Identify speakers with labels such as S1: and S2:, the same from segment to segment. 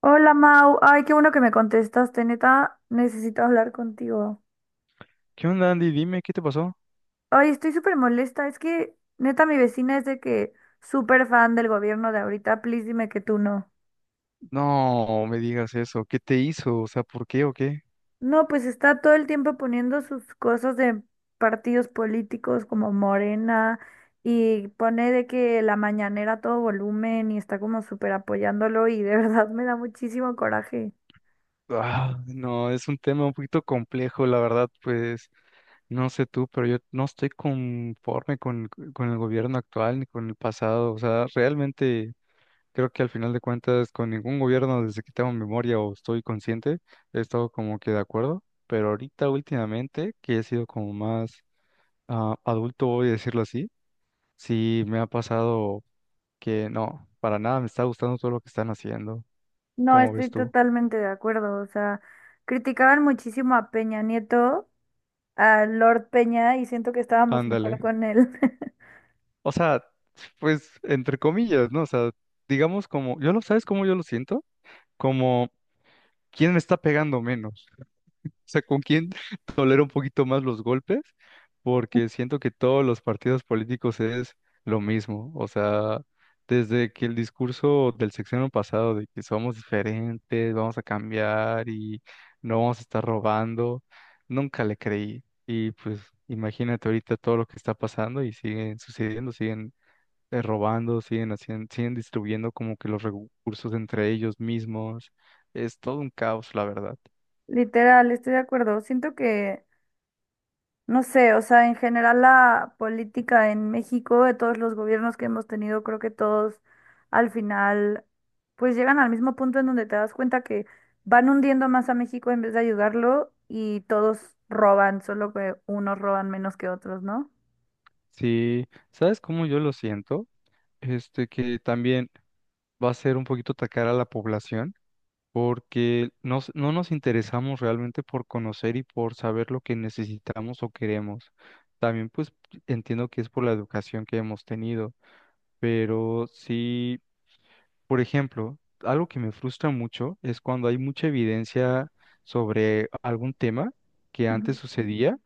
S1: Hola Mau, ay, qué bueno que me contestaste, neta, necesito hablar contigo.
S2: ¿Qué onda, Andy? Dime, ¿qué te pasó?
S1: Ay, estoy súper molesta, es que neta mi vecina es de que súper fan del gobierno de ahorita, please dime que tú no.
S2: No, me digas eso. ¿Qué te hizo? O sea, ¿por qué o qué?
S1: No, pues está todo el tiempo poniendo sus cosas de partidos políticos como Morena y pone de que la mañanera a todo volumen y está como súper apoyándolo y de verdad me da muchísimo coraje.
S2: Ah, no, es un tema un poquito complejo, la verdad, pues no sé tú, pero yo no estoy conforme con el gobierno actual ni con el pasado. O sea, realmente creo que al final de cuentas con ningún gobierno desde que tengo memoria o estoy consciente he estado como que de acuerdo, pero ahorita últimamente que he sido como más adulto, voy a decirlo así, sí me ha pasado, que no, para nada me está gustando todo lo que están haciendo,
S1: No,
S2: como ves
S1: estoy
S2: tú.
S1: totalmente de acuerdo, o sea, criticaban muchísimo a Peña Nieto. A Lord Peña y siento que estábamos
S2: Ándale.
S1: mejor con él.
S2: O sea, pues entre comillas, ¿no? O sea, digamos como, yo lo, ¿sabes cómo yo lo siento? Como, ¿quién me está pegando menos? Sea, con quién tolero un poquito más los golpes, porque siento que todos los partidos políticos es lo mismo. O sea, desde que el discurso del sexenio pasado de que somos diferentes, vamos a cambiar y no vamos a estar robando, nunca le creí. Y pues imagínate ahorita todo lo que está pasando y siguen sucediendo, siguen robando, siguen haciendo, siguen distribuyendo como que los recursos entre ellos mismos. Es todo un caos, la verdad.
S1: Literal, estoy de acuerdo. Siento que, no sé, o sea, en general la política en México, de todos los gobiernos que hemos tenido, creo que todos al final, pues llegan al mismo punto en donde te das cuenta que van hundiendo más a México en vez de ayudarlo y todos roban, solo que unos roban menos que otros, ¿no?
S2: Sí, ¿sabes cómo yo lo siento? Este que también va a ser un poquito atacar a la población porque no nos interesamos realmente por conocer y por saber lo que necesitamos o queremos. También pues entiendo que es por la educación que hemos tenido, pero sí, por ejemplo, algo que me frustra mucho es cuando hay mucha evidencia sobre algún tema que antes
S1: Ujú,
S2: sucedía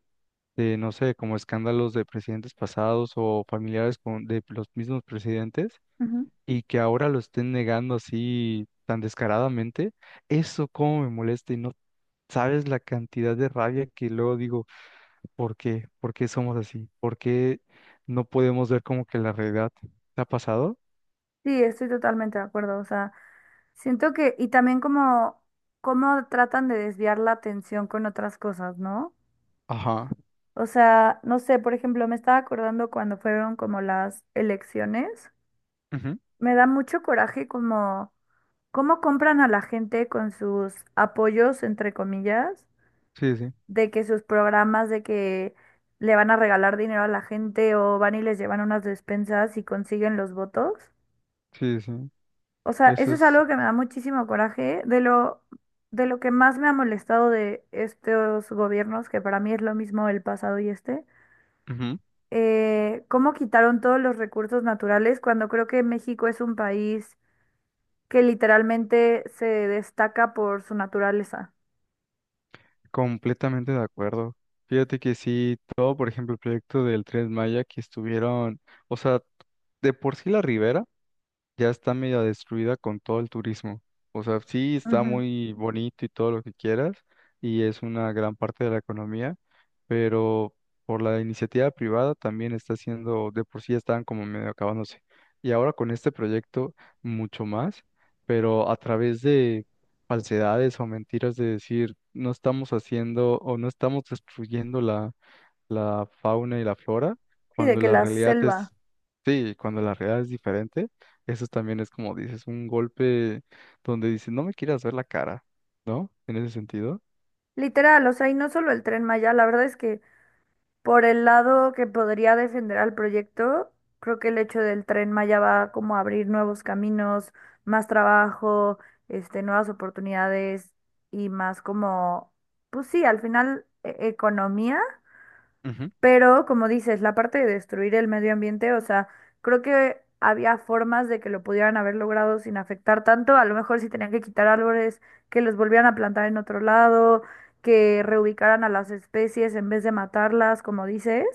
S2: de, no sé, como escándalos de presidentes pasados o familiares de los mismos presidentes
S1: ujú.
S2: y que ahora lo estén negando así tan descaradamente, eso cómo me molesta y no sabes la cantidad de rabia que luego digo, ¿por qué? ¿Por qué somos así? ¿Por qué no podemos ver como que la realidad te ha pasado?
S1: Sí, estoy totalmente de acuerdo. O sea, siento que, y también como, cómo tratan de desviar la atención con otras cosas, ¿no?
S2: Ajá.
S1: O sea, no sé, por ejemplo, me estaba acordando cuando fueron como las elecciones.
S2: Ujú.
S1: Me da mucho coraje como cómo compran a la gente con sus apoyos, entre comillas,
S2: Sí, sí,
S1: de que sus programas, de que le van a regalar dinero a la gente o van y les llevan unas despensas y consiguen los votos.
S2: sí, sí.
S1: O sea,
S2: Eso
S1: eso es
S2: es,
S1: algo que me da muchísimo coraje, de lo que más me ha molestado de estos gobiernos, que para mí es lo mismo el pasado y este,
S2: ujú,
S1: cómo quitaron todos los recursos naturales cuando creo que México es un país que literalmente se destaca por su naturaleza.
S2: completamente de acuerdo. Fíjate que sí, todo, por ejemplo, el proyecto del Tren Maya que estuvieron, o sea, de por sí la ribera ya está medio destruida con todo el turismo. O sea, sí está
S1: Ujú.
S2: muy bonito y todo lo que quieras, y es una gran parte de la economía, pero por la iniciativa privada también está siendo, de por sí ya estaban como medio acabándose. Y ahora con este proyecto mucho más, pero a través de falsedades o mentiras de decir no estamos haciendo o no estamos destruyendo la fauna y la flora,
S1: Sí, de
S2: cuando
S1: que
S2: la
S1: la
S2: realidad
S1: selva.
S2: es, sí, cuando la realidad es diferente, eso también es como dices, un golpe donde dices, no me quieras ver la cara, ¿no? En ese sentido.
S1: Literal, o sea, y no solo el Tren Maya, la verdad es que por el lado que podría defender al proyecto, creo que el hecho del Tren Maya va como a abrir nuevos caminos, más trabajo, este, nuevas oportunidades y más como, pues sí, al final economía,
S2: Ujú,
S1: pero como dices, la parte de destruir el medio ambiente, o sea, creo que había formas de que lo pudieran haber logrado sin afectar tanto, a lo mejor si tenían que quitar árboles, que los volvieran a plantar en otro lado, que reubicaran a las especies en vez de matarlas, como dices.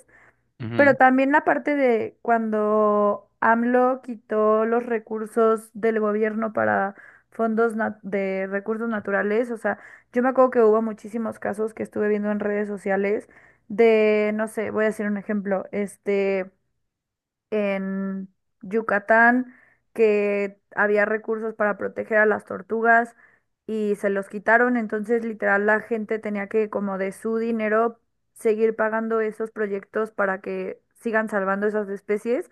S1: Pero
S2: ujú.
S1: también la parte de cuando AMLO quitó los recursos del gobierno para de recursos naturales, o sea, yo me acuerdo que hubo muchísimos casos que estuve viendo en redes sociales de, no sé, voy a decir un ejemplo, este en Yucatán que había recursos para proteger a las tortugas y se los quitaron, entonces literal la gente tenía que como de su dinero seguir pagando esos proyectos para que sigan salvando esas especies,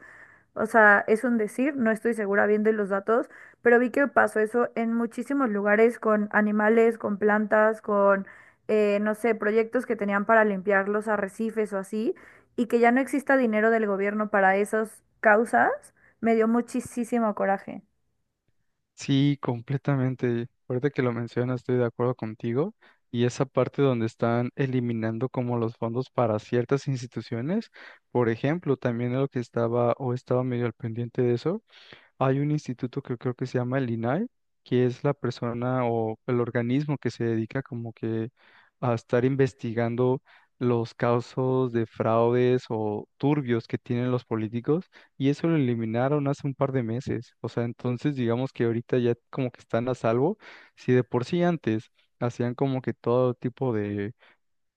S1: o sea, es un decir, no estoy segura bien de los datos, pero vi que pasó eso en muchísimos lugares con animales, con plantas, con, no sé, proyectos que tenían para limpiar los arrecifes o así, y que ya no exista dinero del gobierno para esas causas, me dio muchísimo coraje.
S2: Sí, completamente. Ahorita que lo mencionas, estoy de acuerdo contigo. Y esa parte donde están eliminando como los fondos para ciertas instituciones, por ejemplo, también lo que estaba o estaba medio al pendiente de eso, hay un instituto que creo que se llama el INAI, que es la persona o el organismo que se dedica como que a estar investigando los casos de fraudes o turbios que tienen los políticos y eso lo eliminaron hace un par de meses. O sea, entonces digamos que ahorita ya como que están a salvo. Si de por sí antes hacían como que todo tipo de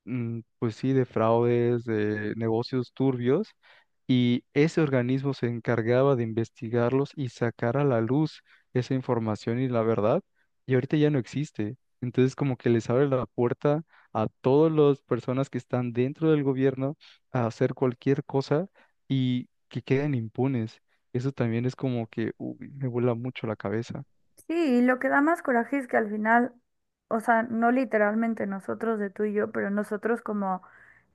S2: pues sí, de fraudes, de negocios turbios, y ese organismo se encargaba de investigarlos y sacar a la luz esa información y la verdad, y ahorita ya no existe. Entonces como que les abre la puerta a todas las personas que están dentro del gobierno a hacer cualquier cosa y que queden impunes. Eso también es como que uy, me vuela mucho la cabeza.
S1: Sí, y lo que da más coraje es que al final, o sea, no literalmente nosotros de tú y yo, pero nosotros como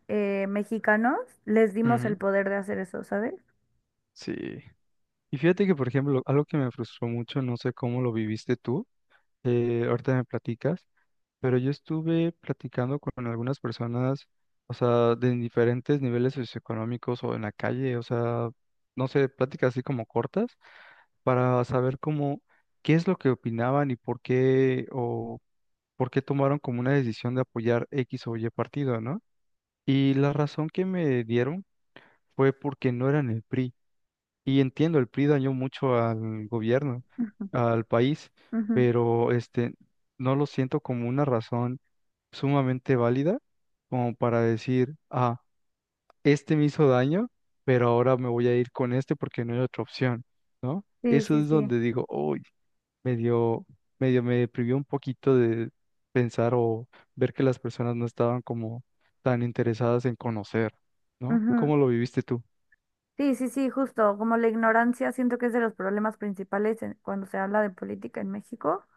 S1: mexicanos les dimos
S2: Ujú.
S1: el poder de hacer eso, ¿sabes?
S2: Sí. Y fíjate que, por ejemplo, algo que me frustró mucho, no sé cómo lo viviste tú, ahorita me platicas, pero yo estuve platicando con algunas personas, o sea, de diferentes niveles socioeconómicos o en la calle, o sea, no sé, pláticas así como cortas, para saber cómo, qué es lo que opinaban y por qué, o por qué tomaron como una decisión de apoyar X o Y partido, ¿no? Y la razón que me dieron fue porque no eran el PRI. Y entiendo, el PRI dañó mucho al gobierno,
S1: Ujú,
S2: al país,
S1: ujú.
S2: pero este, no lo siento como una razón sumamente válida como para decir, ah, este me hizo daño, pero ahora me voy a ir con este porque no hay otra opción, ¿no?
S1: Sí,
S2: Eso
S1: sí,
S2: es
S1: sí.
S2: donde digo, uy, medio, medio me privió un poquito de pensar o ver que las personas no estaban como tan interesadas en conocer, ¿no?
S1: Ujú.
S2: ¿Cómo lo viviste tú,
S1: Sí, sí, sí, justo, como la ignorancia siento que es de los problemas principales cuando se habla de política en México,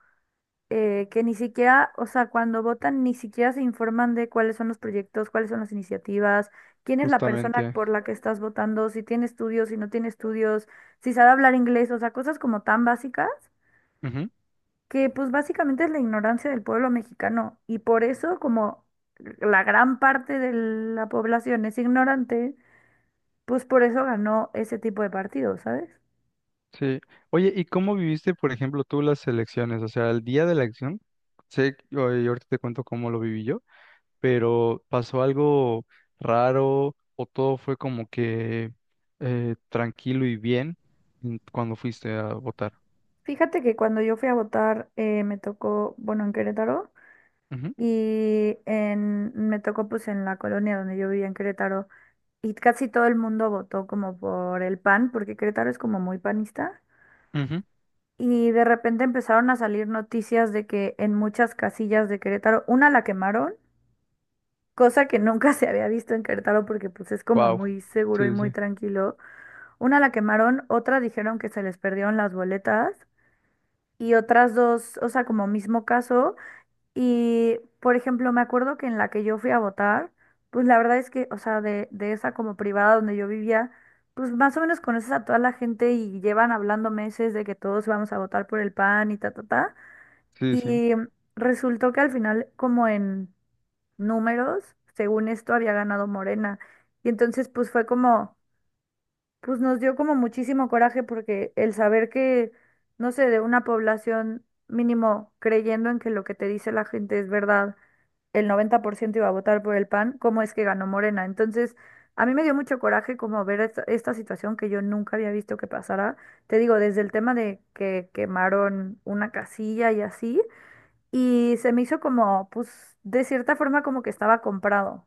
S1: que ni siquiera, o sea, cuando votan ni siquiera se informan de cuáles son los proyectos, cuáles son las iniciativas, quién es la persona
S2: justamente?
S1: por la que estás votando, si tiene estudios, si no tiene estudios, si sabe hablar inglés, o sea, cosas como tan básicas que pues básicamente es la ignorancia del pueblo mexicano y por eso como la gran parte de la población es ignorante. Pues por eso ganó ese tipo de partidos, ¿sabes?
S2: Sí. Oye, ¿y cómo viviste, por ejemplo, tú las elecciones? O sea, el día de la elección, sé, y ahorita te cuento cómo lo viví yo, pero ¿pasó algo raro o todo fue como que tranquilo y bien cuando fuiste a votar?
S1: Fíjate que cuando yo fui a votar, me tocó, bueno, en Querétaro y en, me tocó pues en la colonia donde yo vivía en Querétaro y casi todo el mundo votó como por el PAN, porque Querétaro es como muy panista.
S2: Ujú, ujú.
S1: Y de repente empezaron a salir noticias de que en muchas casillas de Querétaro, una la quemaron, cosa que nunca se había visto en Querétaro porque pues es como
S2: Wow.
S1: muy seguro y
S2: Sí,
S1: muy
S2: sí,
S1: tranquilo. Una la quemaron, otra dijeron que se les perdieron las boletas y otras dos, o sea, como mismo caso. Y, por ejemplo, me acuerdo que en la que yo fui a votar, pues la verdad es que, o sea, de esa como privada donde yo vivía, pues más o menos conoces a toda la gente y llevan hablando meses de que todos vamos a votar por el PAN y ta, ta, ta.
S2: sí, sí.
S1: Y resultó que al final, como en números, según esto, había ganado Morena. Y entonces, pues fue como pues nos dio como muchísimo coraje porque el saber que, no sé, de una población mínimo creyendo en que lo que te dice la gente es verdad, el 90% iba a votar por el PAN, ¿cómo es que ganó Morena? Entonces, a mí me dio mucho coraje como ver esta, esta situación que yo nunca había visto que pasara. Te digo, desde el tema de que quemaron una casilla y así, y se me hizo como, pues, de cierta forma como que estaba comprado.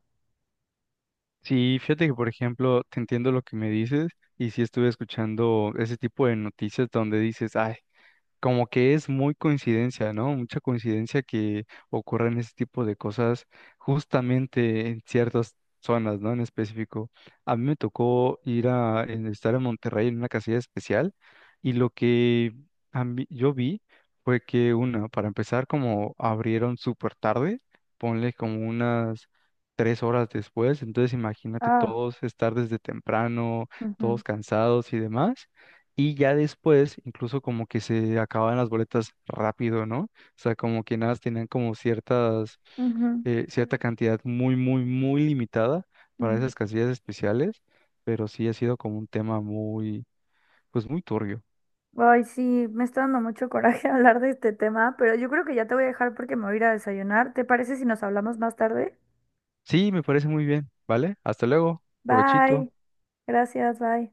S2: Sí, fíjate que, por ejemplo, te entiendo lo que me dices y sí estuve escuchando ese tipo de noticias donde dices, ay, como que es muy coincidencia, ¿no? Mucha coincidencia que ocurran ese tipo de cosas justamente en ciertas zonas, ¿no? En específico. A mí me tocó ir a estar en Monterrey en una casilla especial y lo que yo vi fue que una, para empezar, como abrieron súper tarde, ponle como unas tres horas después, entonces imagínate
S1: Ah,
S2: todos estar desde temprano,
S1: ujú,
S2: todos cansados y demás. Y ya después, incluso como que se acababan las boletas rápido, ¿no? O sea, como que nada, más tenían como ciertas,
S1: ujú,
S2: cierta cantidad muy, muy, muy limitada para
S1: ujú.
S2: esas casillas especiales, pero sí ha sido como un tema muy, pues muy turbio.
S1: Ay, sí, me está dando mucho coraje hablar de este tema, pero yo creo que ya te voy a dejar porque me voy a ir a desayunar. ¿Te parece si nos hablamos más tarde?
S2: Sí, me parece muy bien, ¿vale? Hasta luego, provechito.
S1: Bye. Gracias, bye.